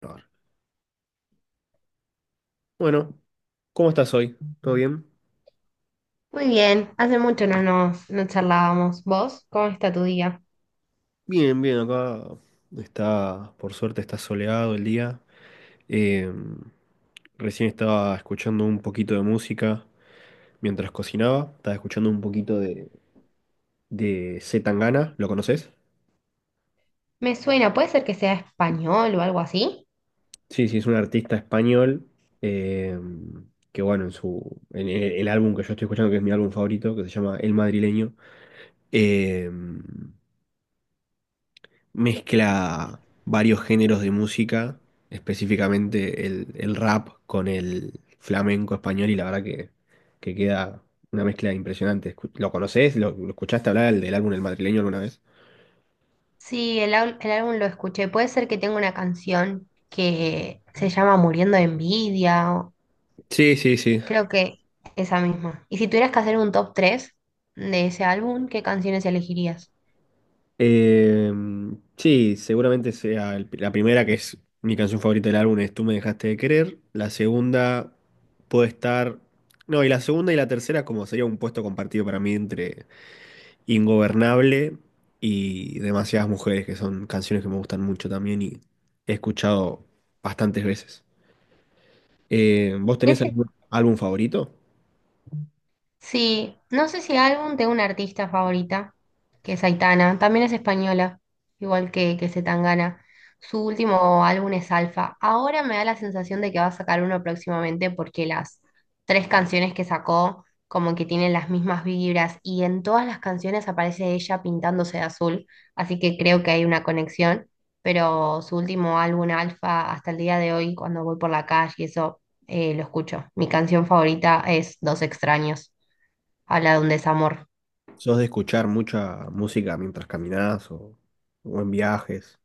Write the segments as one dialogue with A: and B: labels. A: Grabar. Bueno, ¿cómo estás hoy? ¿Todo bien?
B: Muy bien, hace mucho no charlábamos. ¿Vos? ¿Cómo está tu día?
A: Bien, bien, acá está, por suerte está soleado el día. Eh, Recién estaba escuchando un poquito de música mientras cocinaba, estaba escuchando un poquito de C. Tangana, ¿lo conoces?
B: Me suena, puede ser que sea español o algo así.
A: Sí, sí, es un artista español, eh, que bueno, en el álbum que yo estoy escuchando, que es mi álbum favorito, que se llama El Madrileño, eh, mezcla varios géneros de música, específicamente el rap con el flamenco español y la verdad que queda una mezcla impresionante. ¿Lo conoces? ¿Lo escuchaste hablar del álbum El Madrileño alguna vez?
B: Sí, el álbum lo escuché. Puede ser que tenga una canción que se llama Muriendo de Envidia.
A: Sí, sí, sí.
B: Creo que esa misma. Y si tuvieras que hacer un top 3 de ese álbum, ¿qué canciones elegirías?
A: Eh, sí, seguramente sea la primera, que es mi canción favorita del álbum, es Tú me dejaste de querer. La segunda puede estar... No, y la segunda y la tercera como sería un puesto compartido para mí entre Ingobernable y Demasiadas Mujeres, que son canciones que me gustan mucho también y he escuchado bastantes veces. ¿Vos tenés algún álbum favorito?
B: Sí, no sé si álbum, tengo una artista favorita, que es Aitana, también es española, igual que Zetangana. Su último álbum es Alfa. Ahora me da la sensación de que va a sacar uno próximamente porque las tres canciones que sacó como que tienen las mismas vibras y en todas las canciones aparece ella pintándose de azul, así que creo que hay una conexión, pero su último álbum Alfa hasta el día de hoy, cuando voy por la calle y eso, lo escucho. Mi canción favorita es Dos extraños. Habla de un desamor.
A: ¿Sos de escuchar mucha música mientras caminás o en viajes?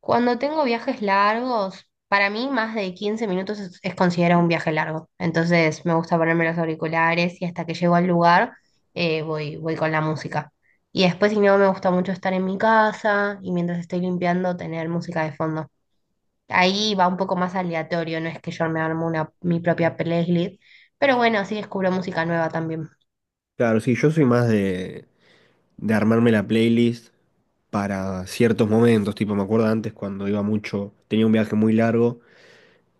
B: Cuando tengo viajes largos, para mí más de 15 minutos es considerado un viaje largo. Entonces me gusta ponerme los auriculares y hasta que llego al lugar, voy con la música. Y después, si no, me gusta mucho estar en mi casa y mientras estoy limpiando tener música de fondo. Ahí va un poco más aleatorio, no es que yo me armo mi propia playlist, pero bueno, así descubro música nueva también.
A: Claro, sí, yo soy más de armarme la playlist para ciertos momentos, tipo me acuerdo antes cuando iba mucho, tenía un viaje muy largo.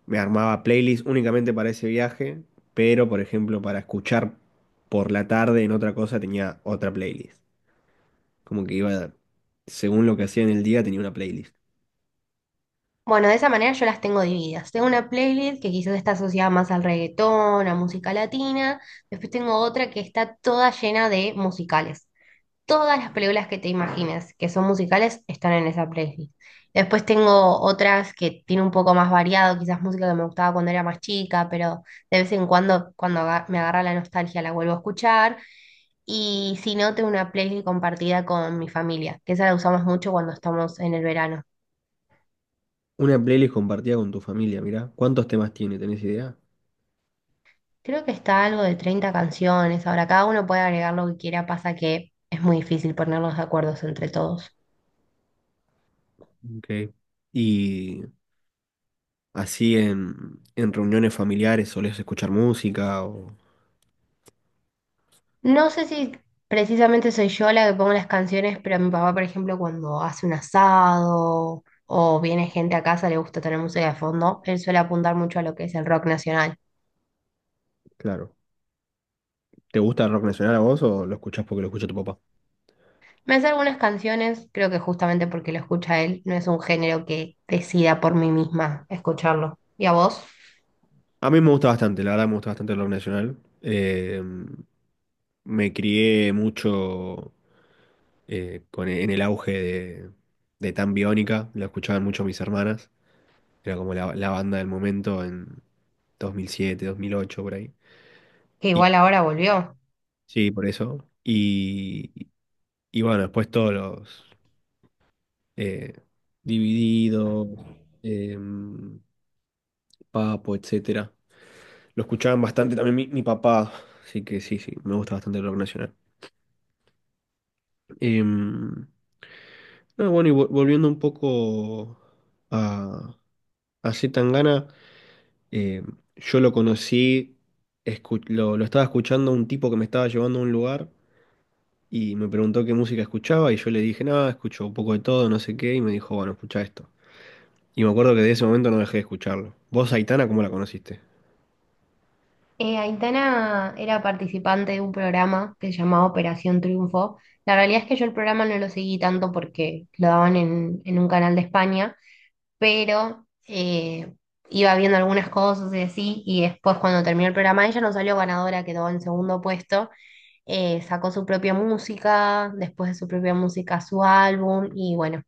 A: Me armaba playlists únicamente para ese viaje, pero por ejemplo para escuchar por la tarde en otra cosa tenía otra playlist. Como que iba, según lo que hacía en el día, tenía una playlist.
B: Bueno, de esa manera yo las tengo divididas. Tengo una playlist que quizás está asociada más al reggaetón, a música latina. Después tengo otra que está toda llena de musicales. Todas las películas que te imagines que son musicales están en esa playlist. Después tengo otras que tiene un poco más variado, quizás música que me gustaba cuando era más chica, pero de vez en cuando, cuando me agarra la nostalgia, la vuelvo a escuchar. Y si no, tengo una playlist compartida con mi familia, que esa la usamos mucho cuando estamos en el verano.
A: Una playlist compartida con tu familia, mirá. ¿Cuántos temas tiene? ¿Tenés idea?
B: Creo que está algo de 30 canciones. Ahora, cada uno puede agregar lo que quiera, pasa que es muy difícil ponernos de acuerdos entre todos.
A: Ok. Y así en reuniones familiares solés escuchar música o...
B: No sé si precisamente soy yo la que pongo las canciones, pero a mi papá, por ejemplo, cuando hace un asado o viene gente a casa, le gusta tener música de fondo, él suele apuntar mucho a lo que es el rock nacional.
A: Claro. ¿Te gusta el rock nacional a vos o lo escuchás porque lo escucha tu papá?
B: Me hace algunas canciones, creo que justamente porque lo escucha él, no es un género que decida por mí misma escucharlo. ¿Y a vos?
A: A mí me gusta bastante, la verdad me gusta bastante el rock nacional. Me crié mucho en el auge de Tan Biónica, la escuchaban mucho mis hermanas, era como la banda del momento en 2007, 2008, por ahí.
B: Que
A: Y
B: igual ahora volvió.
A: sí, por eso. Y bueno, después todos los, eh, Divididos, em, Papo, etcétera. Lo escuchaban bastante también mi papá, así que sí, sí, me gusta bastante el rock nacional. Em, bueno, y volviendo un poco a, a C. Tangana, eh, yo lo conocí, lo estaba escuchando a un tipo que me estaba llevando a un lugar y me preguntó qué música escuchaba y yo le dije, nada, escucho un poco de todo, no sé qué, y me dijo, bueno, escucha esto. Y me acuerdo que de ese momento no dejé de escucharlo. ¿Vos, Aitana, cómo la conociste?
B: Aitana era participante de un programa que se llamaba Operación Triunfo. La realidad es que yo el programa no lo seguí tanto porque lo daban en un canal de España, pero iba viendo algunas cosas y así, y después cuando terminó el programa ella no salió ganadora, quedó en segundo puesto. Sacó su propia música, después de su propia música su álbum, y bueno,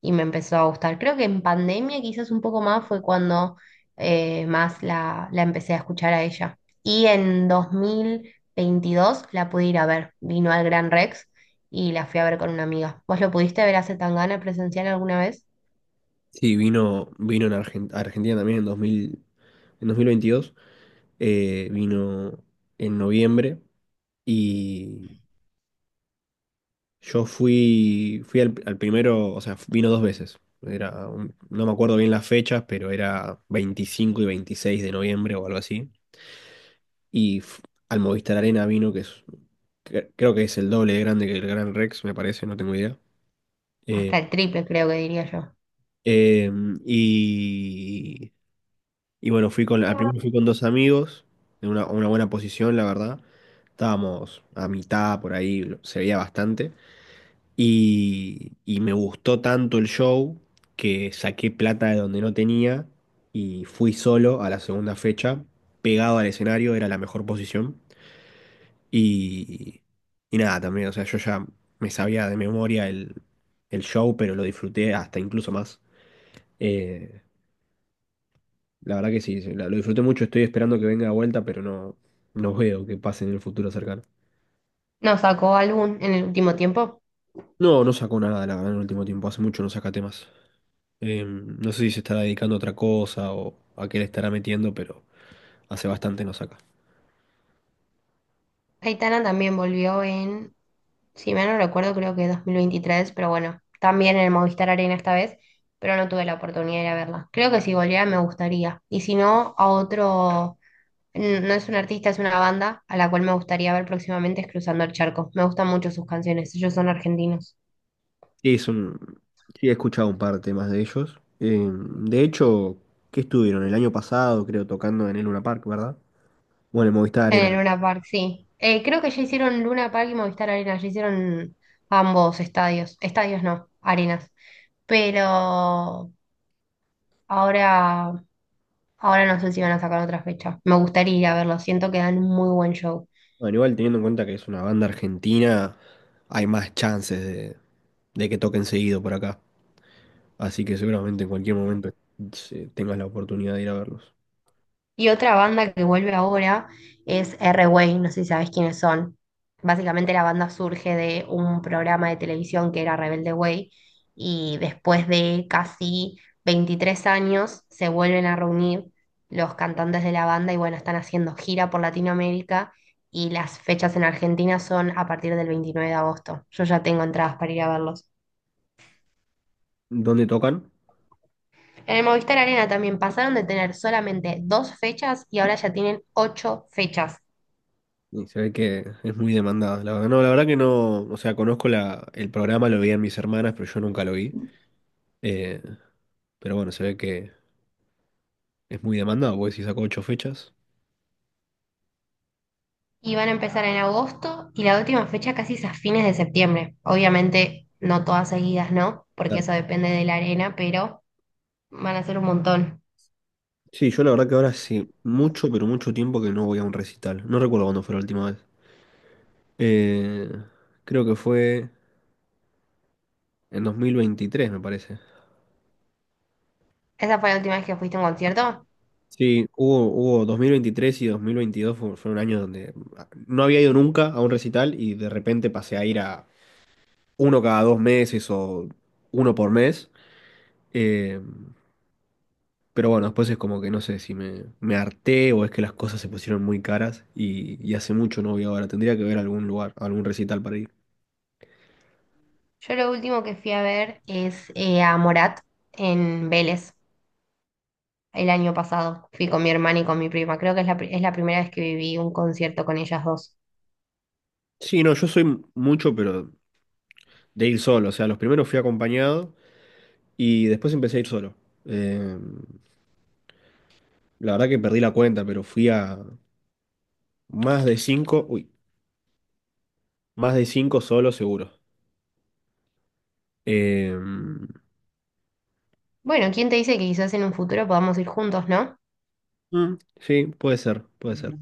B: y me empezó a gustar. Creo que en pandemia quizás un poco más fue cuando la empecé a escuchar a ella. Y en 2022 la pude ir a ver, vino al Gran Rex y la fui a ver con una amiga. ¿Vos lo pudiste ver a Zetangana presencial alguna vez?
A: Sí, vino, vino en a Argentina también en dos mil veintidós, vino en noviembre, y yo fui, fui al primero, o sea, vino dos veces. Era no me acuerdo bien las fechas, pero era 25 y 26 de noviembre o algo así. Y f- Al Movistar Arena vino, que es, creo que es el doble de grande que el Gran Rex, me parece, no tengo idea. Eh,
B: Hasta el triple creo que diría yo.
A: y y bueno, fui con, al primero fui con dos amigos, en una buena posición, la verdad. Estábamos a mitad por ahí, se veía bastante. Y me gustó tanto el show que saqué plata de donde no tenía y fui solo a la segunda fecha, pegado al escenario, era la mejor posición. Y, y nada, también, o sea, yo ya me sabía de memoria el show, pero lo disfruté hasta incluso más. Eh, la verdad que sí, sí, lo disfruté mucho, estoy esperando que venga de vuelta, pero no, no veo que pase en el futuro cercano.
B: No, sacó álbum en el último tiempo.
A: No, no sacó nada, la verdad, en el último tiempo, hace mucho no saca temas. No sé si se estará dedicando a otra cosa o a qué le estará metiendo, pero hace bastante no saca.
B: Aitana también volvió en, si mal no recuerdo, creo que 2023, pero bueno, también en el Movistar Arena esta vez, pero no tuve la oportunidad de ir a verla. Creo que si volviera me gustaría. Y si no, a otro, no es un artista, es una banda a la cual me gustaría ver próximamente es Cruzando el Charco. Me gustan mucho sus canciones, ellos son argentinos.
A: Sí, es un... sí, he escuchado un par de temas de ellos. De hecho, ¿qué estuvieron? El año pasado, creo, tocando en el Luna Park, ¿verdad? Bueno, en Movistar
B: En
A: Arena.
B: el Luna Park, sí. Creo que ya hicieron Luna Park y Movistar Arena, ya hicieron ambos estadios. Estadios no, arenas. Pero Ahora, ahora no sé si van a sacar otra fecha. Me gustaría ir a verlo, siento que dan un muy buen show.
A: Bueno, igual teniendo en cuenta que es una banda argentina, hay más chances de que toquen seguido por acá. Así que seguramente en cualquier momento, tengas la oportunidad de ir a verlos.
B: Y otra banda que vuelve ahora es R-Way, no sé si sabes quiénes son. Básicamente la banda surge de un programa de televisión que era Rebelde Way y después de casi 23 años se vuelven a reunir los cantantes de la banda y bueno, están haciendo gira por Latinoamérica y las fechas en Argentina son a partir del 29 de agosto. Yo ya tengo entradas para ir a verlos.
A: ¿Dónde tocan?
B: En el Movistar Arena también pasaron de tener solamente dos fechas y ahora ya tienen ocho fechas.
A: Y se ve que es muy demandada. La verdad, no, la verdad que no, o sea, conozco el programa, lo veían mis hermanas, pero yo nunca lo vi. Eh, pero bueno, se ve que es muy demandado, porque si sacó 8 fechas.
B: Y van a empezar en agosto y la última fecha casi es a fines de septiembre. Obviamente no todas seguidas, ¿no? Porque
A: Claro.
B: eso depende de la arena, pero van a ser un montón.
A: Sí, yo la verdad que ahora sí, mucho, pero mucho tiempo que no voy a un recital. No recuerdo cuándo fue la última vez. Eh, Creo que fue en 2023, me parece.
B: ¿Esa fue la última vez que fuiste a un concierto?
A: Sí, hubo 2023 y 2022 fue, fue un año donde ah, no había ido nunca a un recital y de repente pasé a ir a uno cada 2 meses o uno por mes. Eh, pero bueno, después es como que no sé si me harté o es que las cosas se pusieron muy caras y hace mucho no voy ahora. Tendría que ver algún lugar, algún recital para ir.
B: Yo lo último que fui a ver es a Morat en Vélez el año pasado. Fui con mi hermana y con mi prima. Creo que es es la primera vez que viví un concierto con ellas dos.
A: Sí, no, yo soy mucho, pero de ir solo. O sea, los primeros fui acompañado y después empecé a ir solo. Eh, la verdad que perdí la cuenta, pero fui a más de 5, uy, más de 5 solo seguro. Eh,
B: Bueno, ¿quién te dice que quizás en un futuro podamos ir juntos, ¿no?
A: sí, puede ser, puede ser.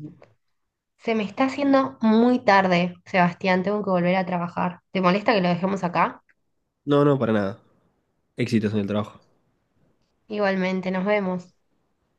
B: Se me está haciendo muy tarde, Sebastián, tengo que volver a trabajar. ¿Te molesta que lo dejemos acá?
A: No, no, para nada. Éxitos en el trabajo.
B: Igualmente, nos vemos.